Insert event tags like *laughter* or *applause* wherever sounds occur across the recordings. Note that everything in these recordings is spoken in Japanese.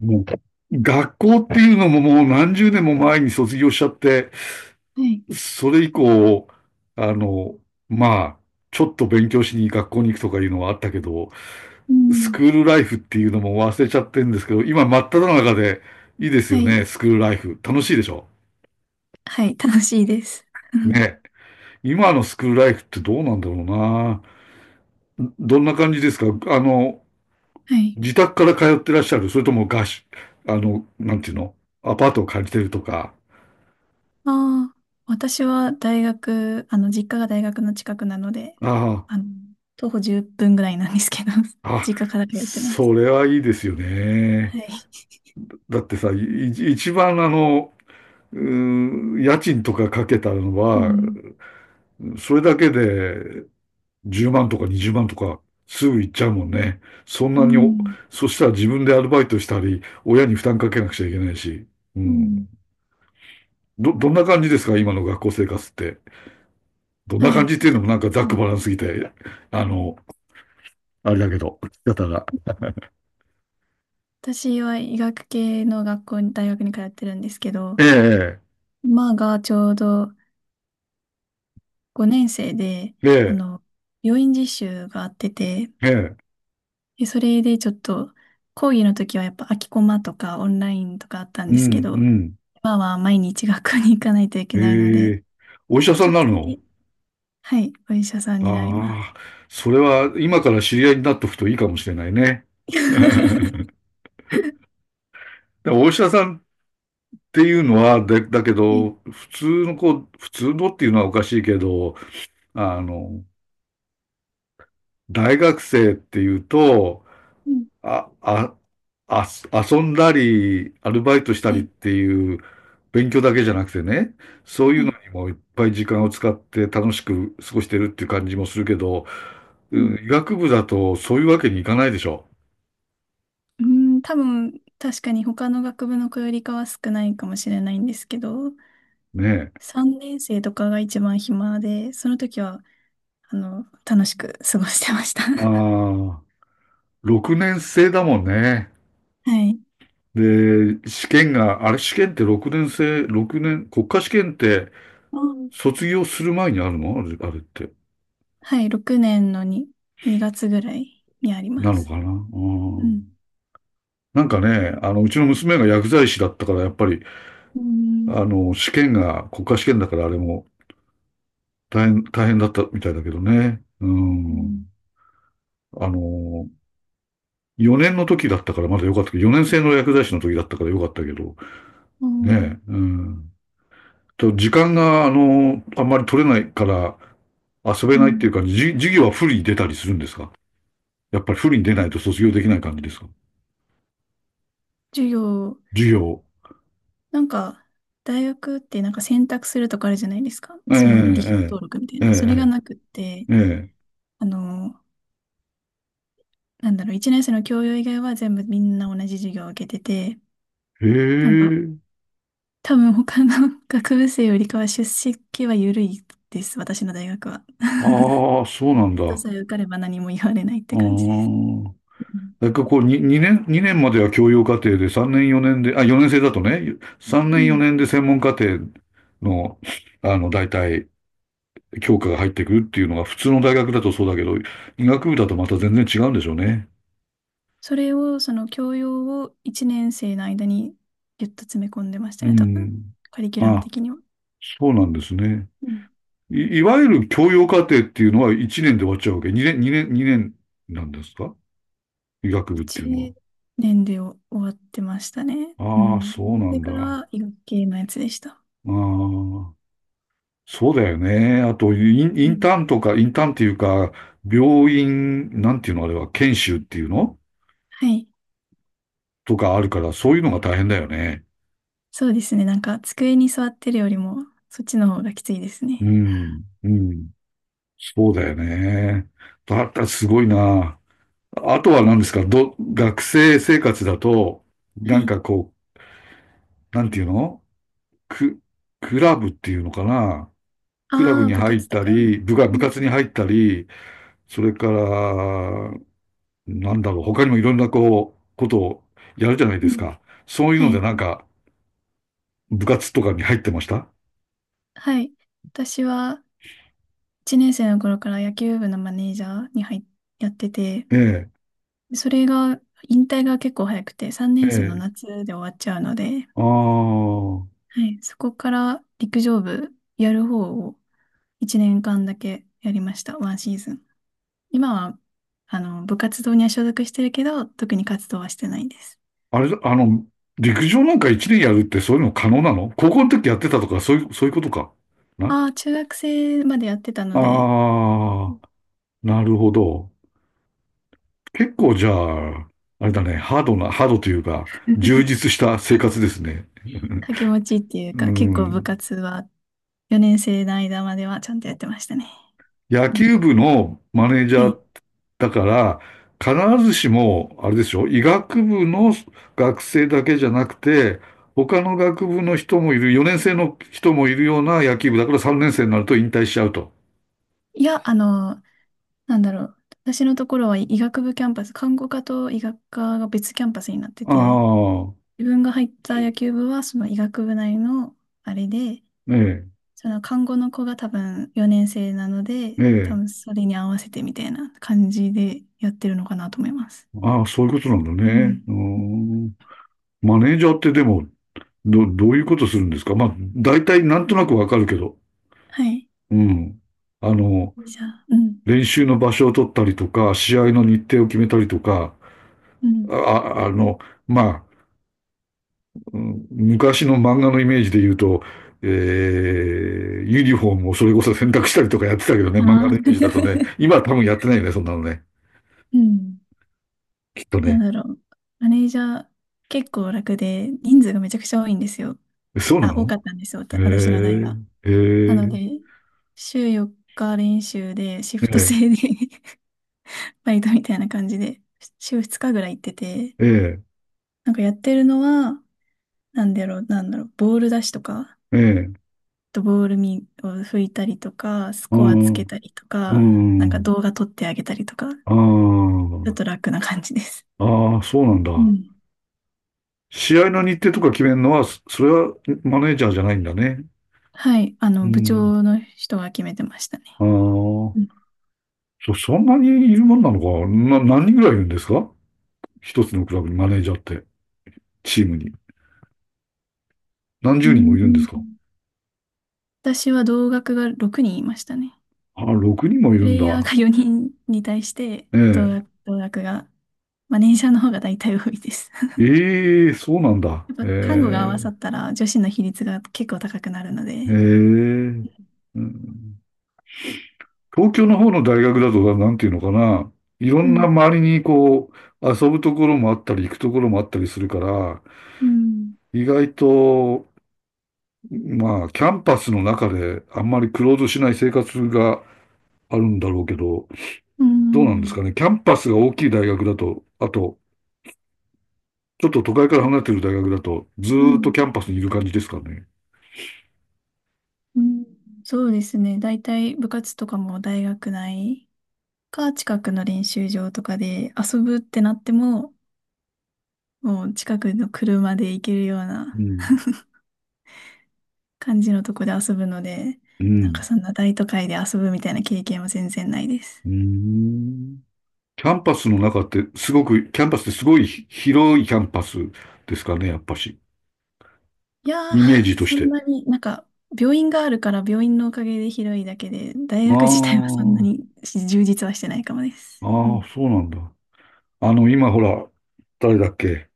もう、学校っていうのももう何十年も前に卒業しちゃって、はい。それ以降、あの、まあ、ちょっと勉強しに学校に行くとかいうのはあったけど、うスん。クールライフっていうのも忘れちゃってるんですけど、今真っ只中でいいですはよい。ね、スクールライフ。楽しいでしょはい。楽しいです。*laughs* うん。ね。今のスクールライフってどうなんだろうな。どんな感じですか？あの、はい。自宅から通ってらっしゃる？それとも合宿、なんていうの？アパートを借りてるとか。ああ、私は大学、実家が大学の近くなので、あああ。の、徒歩10分ぐらいなんですけど、*laughs* あ、実家から通ってまそす。れはいいですよね。はい。だってさ、一番家賃とかかけたのうは、ん。それだけで10万とか20万とかすぐ行っちゃうもんね。そんうなにお、ん。そしたら自分でアルバイトしたり、親に負担かけなくちゃいけないし。ううん。ん。どんな感じですか今の学校生活って。どんなは感い。じっていうのも私、なんかざっうくばんらんすぎて、あの、あれだけど、だったら。私は医学系の学校に、大学に通ってるんですけど、ええ、今がちょうど5年生で、えあえ、の、病院実習があってて、ええ、ええ、で、それでちょっと、講義の時はやっぱ空きコマとかオンラインとかあったんうですけん、うど、ん。今は毎日学校に行かないといけないのえで、え、ちお医ょ、者さんちょにっなとるだの？け、はい、お医者さんになります。ああ、それは今から知り合いになっとくといいかもしれないね。*laughs* *laughs* はでもお医者さんっていうのは、で、だけい。ど、普通の子、普通のっていうのはおかしいけど、あの、大学生っていうと、うん。あ、あ、あ、遊んだり、アルバイトしたはりっい。ていう、勉強だけじゃなくてね、そういはうのい。にもいっぱい時間を使って楽しく過ごしてるっていう感じもするけど、うん。うん、医学部だとそういうわけにいかないでしょ。うー多分、確かに他の学部の子よりかは少ないかもしれないんですけど、ねえ。3年生とかが一番暇で、その時は、楽しく過ごしてました。*laughs* ああ、6年生だもんね。はい。で、試験が、あれ試験って6年生、六年、国家試験ってうん。卒業する前にあるの？あれ、あれって。はい、6年のに、2月ぐらいにありなまのす。かな？ううん。ん。なんかね、うちの娘が薬剤師だったから、やっぱり、うん、試験が国家試験だからあれも大変だったみたいだけどね。ううん。ん、あの、4年の時だったからまだ良かったけど、4年生の薬剤師の時だったから良かったけど、うん、ねえ、うん。時間が、あんまり取れないから遊べうないっていうん。か、授業は不利に出たりするんですか？やっぱり不利に出ないと卒業できない感じですか？授業、授業。なんか、大学ってなんか選択するとかあるじゃないですか。ええ、その、履修登録みたいええ、えな。それがえ、なくって、ええ。えあの、1年生の教養以外は全部みんな同じ授業を受けてて、えへなんか、え。多分他の *laughs* 学部生よりかは出席は緩いです、私の大学は。ああ、そうな *laughs* んテストだ。さえ受かれば何も言われないってうー感じです。ん。うん。なんかこう、に2、年、2年までは教養課程で、3年4年で、あ、4年生だとね、3う年ん。4年で専門課程の、大体、教科が入ってくるっていうのが普通の大学だとそうだけど、医学部だとまた全然違うんでしょうね。それを、その教養を1年生の間にぎゅっと詰め込んでましたうね、多分。ん。カリキュラムあ、的には。そうなんですね。うん。いわゆる教養課程っていうのは1年で終わっちゃうわけ。2年なんですか医学部っていうの1年で終わってましたね。うは。ああ、ん。そうなそれんだ。からあは医学系のやつでした。あ。そうだよね。あと、うインタん。ーンとか、インターンっていうか、病院、なんていうのあれは、研修っていうのはい。とかあるから、そういうのが大変だよね。そうですね。なんか、机に座ってるよりも、そっちの方がきついですね。うん。そうだよね。だったらすごいな。あとはうん。何ですか？学生生活だと、はなんい。かこう、なんていうの？ク、クラブっていうのかな？クラブああ、に部入っ活とたか。り、う部活ん。に入ったり、それから、なんだろう、他にもいろんなことをやるじゃないうですん。か。そういうのはでい。なんか、部活とかに入ってました？はい。私は、1年生の頃から野球部のマネージャーに入っ、やってて、ええ、それが、引退が結構早くて、3え年生のえ。夏で終わっちゃうので、ああ、はい、そこから陸上部やる方を1年間だけやりました、ワンシーズン。今は、部活動には所属してるけど、特に活動はしてないです。あれ、陸上なんか一年やるってそういうの可能なの？高校の時やってたとか、そういうことか。なああ、中学生までやってたので、うあん。 あ、なるほど。結構じゃあ、あれだね、ハードというか、充 *laughs* 実した生活ですね。掛け持ちってい *laughs* ううか、結構部ん。活は4年生の間まではちゃんとやってましたね。野うん。球部のマネージはャーい。だから、必ずしも、あれですよ、医学部の学生だけじゃなくて、他の学部の人もいる、4年生の人もいるような野球部だから3年生になると引退しちゃうと。いや、あの、なんだろう。私のところは医学部キャンパス、看護科と医学科が別キャンパスになってあて、あ、自分が入った野球部はその医学部内のあれで、えその看護の子が多分4年生なので、え多え。分それに合わせてみたいな感じでやってるのかなと思います。ああ、そういうことなんだうね。ん。うーん。マネージャーってでも、どういうことするんですか？まあ、大体なんとなくわかるけど。はい。うん。あの、じゃあ、うん。練習の場所を取ったりとか、試合の日程を決めたりとか、うん。あ、ああの、まあ、うん昔の漫画のイメージで言うと、えー、ユニフォームをそれこそ洗濯したりとかやってたけどね、漫画ああ。のイメージだとね、*laughs* 今は多分やってないよね、そんなのね。うん。きっとなんね。だろう。マネージャー結構楽で人数がめちゃくちゃ多いんですよ。え、そうなあ、多の？かったんですよ。私の代へが。えなのー、で、週4日練習で、シへフトえー、制で *laughs* バイトみたいな感じで、週2日ぐらい行ってて、えー、えなんかやってるのは、なんだろう、ボール出しとか、あー、えー、とボールミを拭いたりとか、スうコアつん、けたりとうか、なんかん、動画撮ってあげたりとか、あちょー、っと楽な感じです。あー、そうなんうだ。ん。試合の日程とか決めるのは、それはマネージャーじゃないんだね。はい、う部ん、長の人が決めてましたね。あうん。あ、そんなにいるもんなのかな、何人ぐらいいるんですか？一つのクラブにマネージャーって、チームに。何う十人もいるんですん。か？私は同学が6人いましたね。あ、6人もいプるんレイヤーだ。が4人に対してえ同え。額、同額が、まあ、年者の方が大体多いです。えー、そうなんだ。*laughs* やっぱ看護が合えわさったら女子の比率が結構高くなるのえ、ええ、で。うん。東京の方の大学だと、なんていうのかな。いろうんなん、周りにこう、遊ぶところもあったり、行くところもあったりするから、うん、意外と、まあ、キャンパスの中であんまりクローズしない生活があるんだろうけど、うどうなんですかん、ね。キャンパスが大きい大学だと、あと、ちょっと都会から離れてる大学だと、ずうーっとん、キャンパスにいる感じですかね。うん。そうですね。大体部活とかも大学内か近くの練習場とかで遊ぶってなっても、もう近くの車で行けるようなうん。感じのとこで遊ぶので、うなんかん。そんな大都会で遊ぶみたいな経験は全然ないです。うーん。キャンパスの中ってすごく、キャンパスってすごい広いキャンパスですかね、やっぱし。いやー、イメージとしそんて。なに、なんか、病院があるから病院のおかげで広いだけで、大あ学自体はそんなにあ、充実はしてないかもです。うあん。あ、そうなんだ。今ほら、誰だっけ？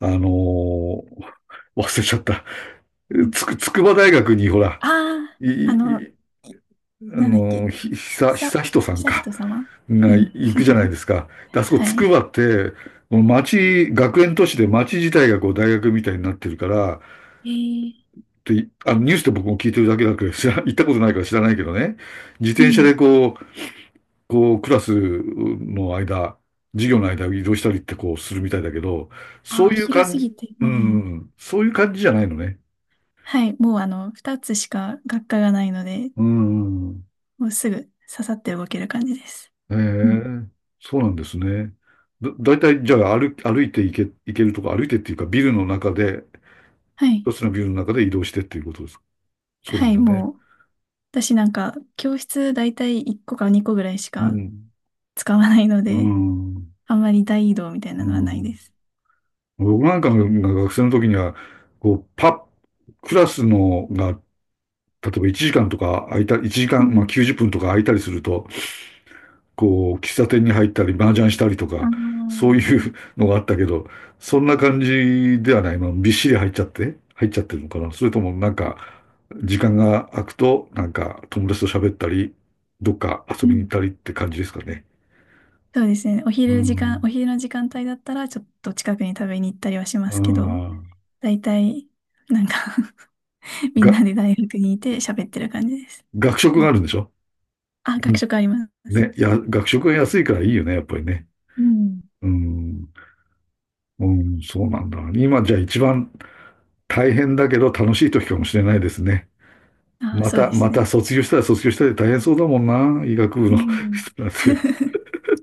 あのー忘れちゃった。うん。筑波大学にほら、あい、あ、い、いあなんだっけ、の、ひ、ひ久、さ、久人さひんさひか、と様。うがん。行くじゃないですか。であ *laughs* そこ、はつくい。ばって、もう町、学園都市で町自体がこう大学みたいになってるから、えー、で、あのニュースで僕も聞いてるだけだけど、行ったことないから知らないけどね、自う転車ん。でこう、こう、クラスの間、授業の間を移動したりってこうするみたいだけど、そあうあ、いう広感すじ、ぎて、ううん。ん、そういう感じじゃないのね。はい。もう、二つしか学科がないので、うん。もうすぐ刺さって動ける感じです。えうん。え、そうなんですね。だいたい、じゃあ歩、歩いていけ、行けるとこ、歩いてっていうか、ビルの中で、はい。一つのビルの中で移動してっていうことですか。そうなはんい、だね。もう、私なんか、教室大体1個か2個ぐらいしうかん。使わないのうで、ん。*laughs* あんまり大移動みたいうなのはないでん。す。僕なんかが学生の時には、こう、パッ、クラスのが、例えば1時間とか空いた、1時う間、まあん。90分とか空いたりすると、こう、喫茶店に入ったり、麻雀したりとああ、か、そうういうのがあったけど、そんな感じではない。まあ、びっしり入っちゃってるのかな。それともなんか、時間が空くと、なんか、友達と喋ったり、どっか遊びに行っん。たりって感じですかね。そうですね。うん。お昼の時間帯だったら、ちょっと近くに食べに行ったりはしまあすけど、あ。大体、なんか *laughs* みんが、なで大学にいて喋ってる感じです。学食うがん。あるんでしょ？あ、う学ん食あります。ね、学食が安いからいいよね、やっぱりね。うん。うん。うん、そうなんだ。今じゃあ一番大変だけど楽しい時かもしれないですね。あ、そうですまたね。卒業したら卒業したで大変そうだもんな。医学部うの人ん。なんて。